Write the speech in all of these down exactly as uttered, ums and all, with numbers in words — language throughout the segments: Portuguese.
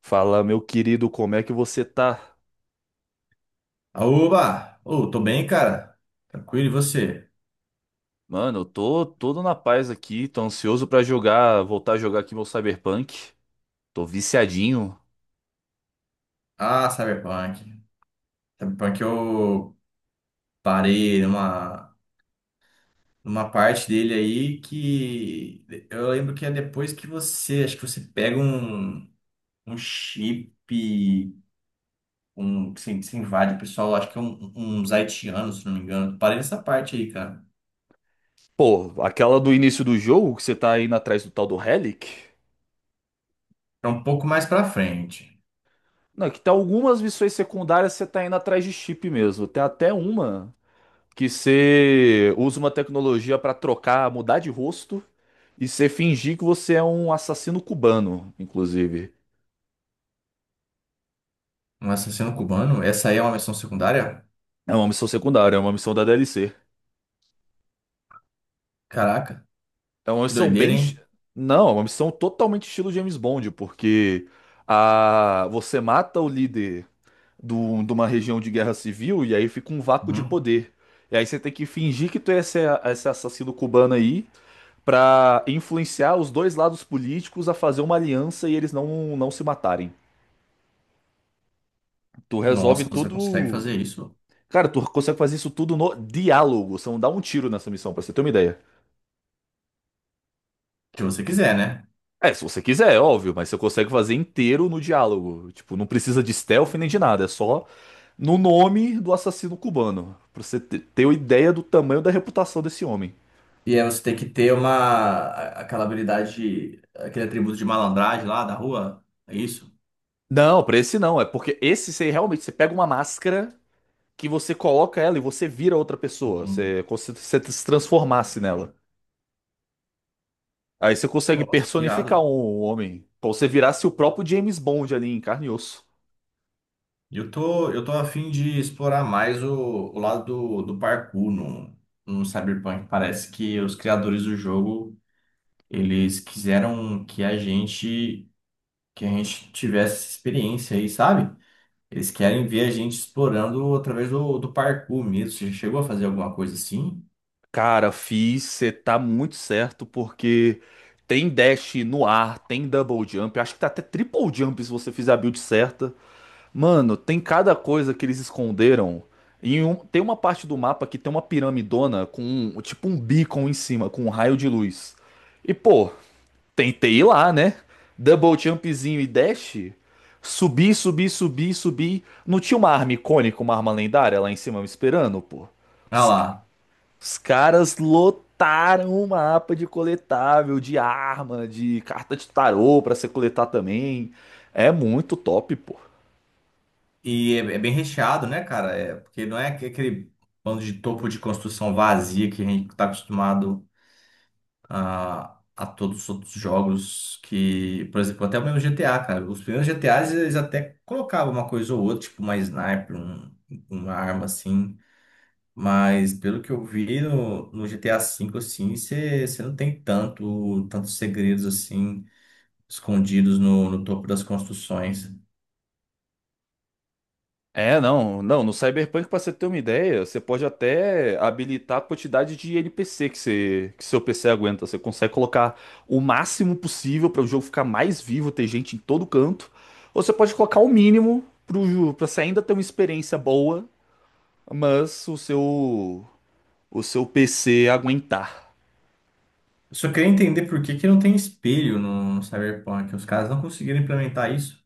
Fala, meu querido, como é que você tá? Aúba! Ô, tô bem, cara. Tranquilo, e você? Mano, eu tô todo na paz aqui, tô ansioso pra jogar, voltar a jogar aqui meu Cyberpunk. Tô viciadinho. Ah, Cyberpunk. Cyberpunk eu parei numa, numa parte dele aí que eu lembro que é depois que você, acho que você pega um, um chip, um, que você, você invade o pessoal, acho que é um, um, uns haitianos, se não me engano. Parei nessa parte aí, cara. Pô, aquela do início do jogo que você tá indo atrás do tal do Relic? É um pouco mais pra frente. Não, que tem algumas missões secundárias que você tá indo atrás de chip mesmo. Tem até uma que você usa uma tecnologia pra trocar, mudar de rosto e você fingir que você é um assassino cubano, inclusive. Um assassino cubano, essa aí é uma missão secundária? É uma missão secundária, é uma missão da D L C. Caraca, É uma que missão doideira, bem. hein? Não, é uma missão totalmente estilo James Bond, porque a... você mata o líder do... de uma região de guerra civil e aí fica um vácuo de Uhum. poder. E aí você tem que fingir que tu é esse, esse assassino cubano aí pra influenciar os dois lados políticos a fazer uma aliança e eles não, não se matarem. Tu resolve Nossa, você consegue tudo. fazer isso? Cara, tu consegue fazer isso tudo no diálogo. Você não dá um tiro nessa missão, pra você ter uma ideia. que você quiser, né? É, se você quiser, é óbvio, mas você consegue fazer inteiro no diálogo. Tipo, não precisa de stealth nem de nada, é só no nome do assassino cubano, pra você te- ter uma ideia do tamanho da reputação desse homem. E aí você tem que ter uma a- aquela habilidade, aquele atributo de malandragem lá da rua, é isso? Não, pra esse não, é porque esse você realmente, você pega uma máscara que você coloca ela e você vira outra pessoa, Uhum. você, como se você se transformasse nela. Aí você consegue Nossa, que personificar um irado. um homem, como se você virasse o próprio James Bond ali em carne e osso. Eu tô, eu tô a fim de explorar mais o, o lado do, do parkour no, no Cyberpunk. Parece que os criadores do jogo, eles quiseram que a gente que a gente tivesse essa experiência aí, sabe? Eles querem ver a gente explorando através do, do parkour mesmo. Você já chegou a fazer alguma coisa assim? Cara, fiz, você tá muito certo, porque tem dash no ar, tem double jump, acho que tá até triple jump se você fizer a build certa. Mano, tem cada coisa que eles esconderam. E um- tem uma parte do mapa que tem uma piramidona com um- tipo um beacon em cima, com um raio de luz. E pô, tentei ir lá, né? Double jumpzinho e dash. Subi, subi, subi, subi. Não tinha uma arma icônica, uma arma lendária lá em cima me esperando, pô. Ah lá, Os caras lotaram o mapa de coletável, de arma, de carta de tarô pra você coletar também. É muito top, pô. E é, é bem recheado, né, cara? É, porque não é aque- aquele bando de topo de construção vazia que a gente tá acostumado a, a todos os outros jogos que, por exemplo, até o mesmo G T A, cara. Os primeiros G T As eles até colocavam uma coisa ou outra, tipo uma sniper, um- uma arma assim. Mas pelo que eu vi no, no G T A V, assim, você não tem tanto, tantos segredos assim escondidos no, no topo das construções. É, não, não, no Cyberpunk, pra você ter uma ideia, você pode até habilitar a quantidade de N P C que, você, que seu P C aguenta. Você consegue colocar o máximo possível para o jogo ficar mais vivo, ter gente em todo canto. Ou você pode colocar o mínimo pro, ju- pra você ainda ter uma experiência boa, mas o seu, o seu P C aguentar. Eu só queria entender por que que não tem espelho no, no Cyberpunk. Os caras não conseguiram implementar isso.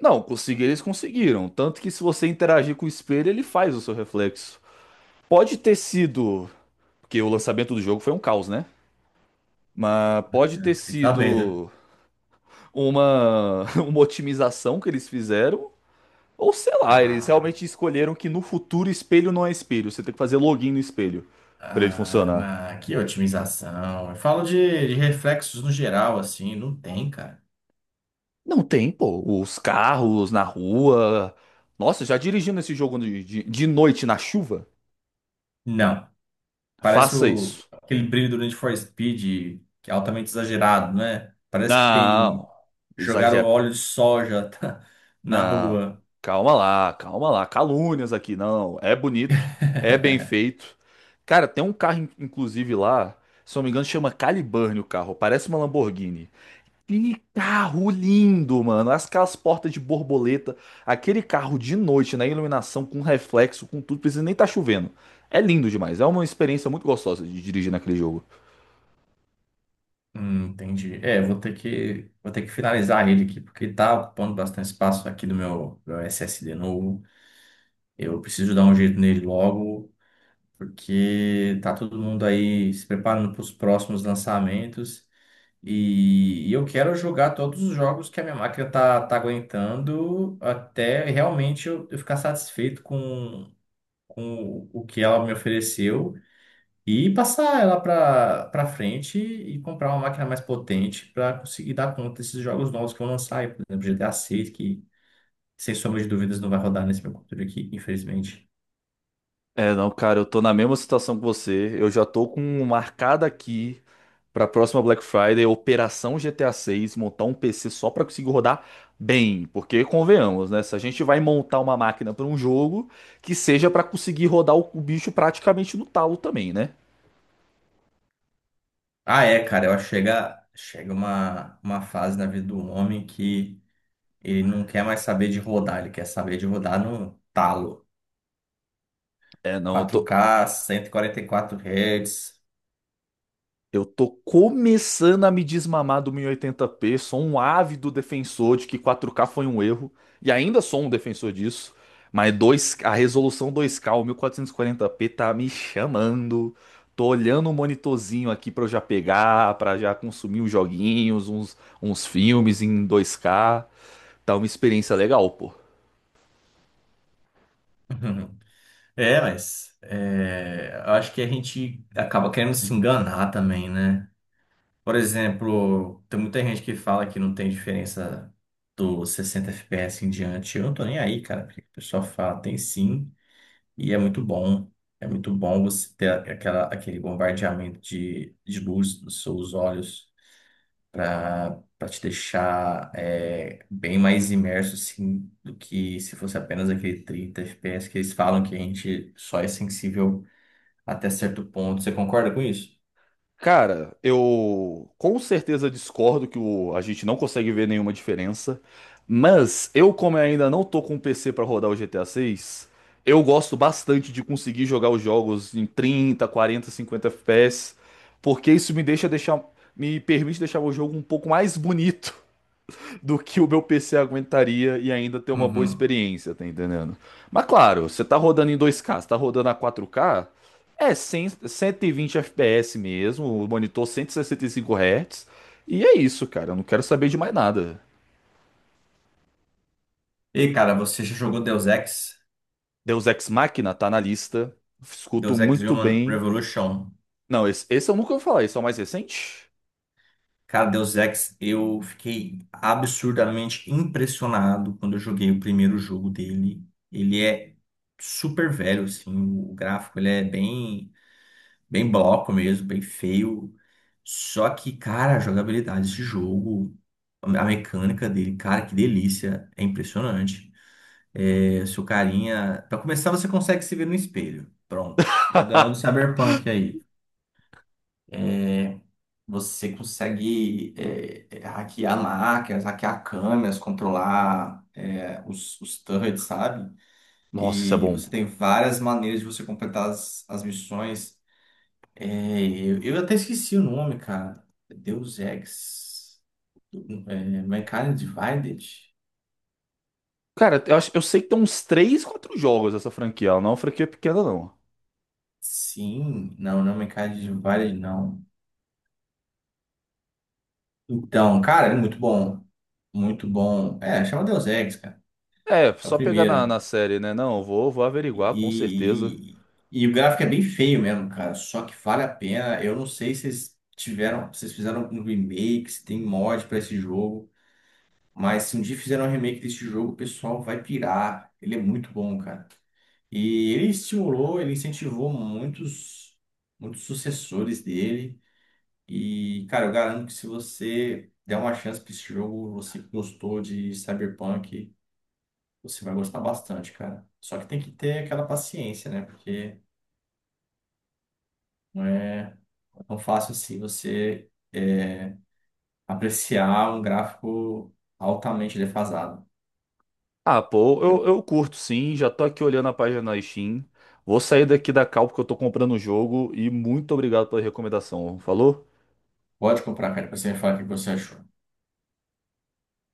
Não, conseguir eles conseguiram. Tanto que se você interagir com o espelho, ele faz o seu reflexo. Pode ter sido, porque o lançamento do jogo foi um caos, né? Mas pode ter Eu Fiquei sabendo. sido uma, uma otimização que eles fizeram. Ou sei lá, eles Ah, realmente escolheram que no futuro espelho não é espelho. Você tem que fazer login no espelho pra ele ah, funcionar. na, que otimização. Eu falo de, de reflexos no geral, assim. Não tem, cara. Não tem, pô. Os carros na rua. Nossa, já dirigindo esse jogo de, de de noite na chuva? Não. Parece Faça o, isso. aquele brilho do Need for Speed, que é altamente exagerado, né? Parece que Não. tem. Jogaram óleo de soja na Não, rua. calma lá, calma lá. Calúnias aqui, não. É bonito, é bem feito. Cara, tem um carro, in- inclusive, lá, se não me engano, chama Caliburn o carro. Parece uma Lamborghini. Que carro lindo, mano. As- Aquelas portas de borboleta. Aquele carro de noite, na iluminação, com reflexo, com tudo. Precisa nem estar chovendo. É lindo demais. É uma experiência muito gostosa de dirigir naquele jogo. Hum, entendi. É, vou ter que, vou ter que finalizar ele aqui, porque ele tá ocupando bastante espaço aqui do meu, meu S S D novo. Eu preciso dar um jeito nele logo, porque tá todo mundo aí se preparando para os próximos lançamentos. E, e eu quero jogar todos os jogos que a minha máquina tá, tá aguentando até realmente eu, eu ficar satisfeito com, com o que ela me ofereceu e passar ela para para frente e comprar uma máquina mais potente para conseguir dar conta desses jogos novos que vão lançar aí, por exemplo, G T A seis, que sem sombra de dúvidas não vai rodar nesse meu computador aqui, infelizmente. É, não, cara, eu tô na mesma situação que você. Eu já tô com marcada aqui pra próxima Black Friday, Operação G T A seis, montar um P C só pra conseguir rodar bem. Porque, convenhamos, né? Se a gente vai montar uma máquina pra um jogo, que seja pra conseguir rodar o, o bicho praticamente no talo também, né? Ah, é, cara, eu acho que chega, chega uma, uma fase na vida do homem que ele não quer mais saber de rodar, ele quer saber de rodar no talo. É, não. eu tô, quatro K, cento e quarenta e quatro Hz. Eu tô começando a me desmamar do mil e oitenta p, sou um ávido defensor de que quatro k foi um erro, e ainda sou um defensor disso, mas dois, a resolução dois k, o mil quatrocentos e quarenta p tá me chamando. Tô olhando o monitorzinho aqui pra eu já pegar, pra já consumir uns joguinhos, uns, uns filmes em dois k. Tá uma experiência legal, pô. É, mas é, eu acho que a gente acaba querendo se enganar também, né? Por exemplo, tem muita gente que fala que não tem diferença do sessenta F P S em diante. Eu não tô nem aí, cara, porque o pessoal fala, tem sim, e é muito bom. É muito bom você ter aquela, aquele bombardeamento de, de luz nos seus olhos para para te deixar é, bem mais imerso assim, do que se fosse apenas aquele trinta F P S que eles falam que a gente só é sensível até certo ponto. Você concorda com isso? Cara, eu com certeza discordo que o- a gente não consegue ver nenhuma diferença, mas eu, como ainda não tô com um P C pra rodar o G T A seis, eu gosto bastante de conseguir jogar os jogos em trinta, quarenta, cinquenta F P S, porque isso me deixa deixar, me permite deixar o jogo um pouco mais bonito do que o meu P C aguentaria e ainda ter uma boa Uhum. experiência, tá entendendo? Mas claro, você tá rodando em dois k, você tá rodando a quatro k, é cem, cento e vinte F P S mesmo, o monitor cento e sessenta e cinco Hz, e é isso, cara, eu não quero saber de mais nada. E cara, você já jogou Deus Ex? Deus Ex Machina tá na lista, escuto Deus Ex muito Human bem. Revolution. Não, esse, esse eu nunca ouvi falar, esse é o mais recente? Cara, Deus Ex, eu fiquei absurdamente impressionado quando eu joguei o primeiro jogo dele. Ele é super velho, assim, o gráfico ele é bem, bem bloco mesmo, bem feio. Só que, cara, a jogabilidade desse jogo, a mecânica dele, cara, que delícia, é impressionante. É, seu carinha, pra começar, você consegue se ver no espelho. Pronto, já ganhou do Cyberpunk aí. Você consegue é, é, hackear máquinas, hackear câmeras, controlar é, os, os turrets, sabe? Nossa, isso é E você bom. tem várias maneiras de você completar as, as missões. É, eu, eu até esqueci o nome, cara. Deus Ex. É, Mankind Divided? Cara, eu, acho, eu sei que tem uns três, quatro jogos essa franquia, ela não é uma franquia pequena, não. Sim. Não, não é Mankind Divided, não. Então, cara, é muito bom. Muito bom. É, chama Deus Ex, cara. É, É o só pegar na, primeiro. na série, né? Não, vou, vou averiguar, com certeza. E, e- e o gráfico é bem feio mesmo, cara. Só que vale a pena. Eu não sei se vocês tiveram, se vocês fizeram um remake, se tem mod pra esse jogo. Mas se um dia fizeram um remake desse jogo, o pessoal vai pirar. Ele é muito bom, cara. E ele estimulou, ele incentivou muitos, muitos sucessores dele. E, cara, eu garanto que se você der uma chance pra esse jogo, você que gostou de Cyberpunk, você vai gostar bastante, cara. Só que tem que ter aquela paciência, né? Porque Não é tão fácil assim você é, apreciar um gráfico altamente defasado. Ah, pô, eu, Eu- eu curto sim, já tô aqui olhando a página na Steam. Vou sair daqui da cal porque eu tô comprando o jogo e muito obrigado pela recomendação. Falou? Pode comprar, cara, pra você me falar o que você achou.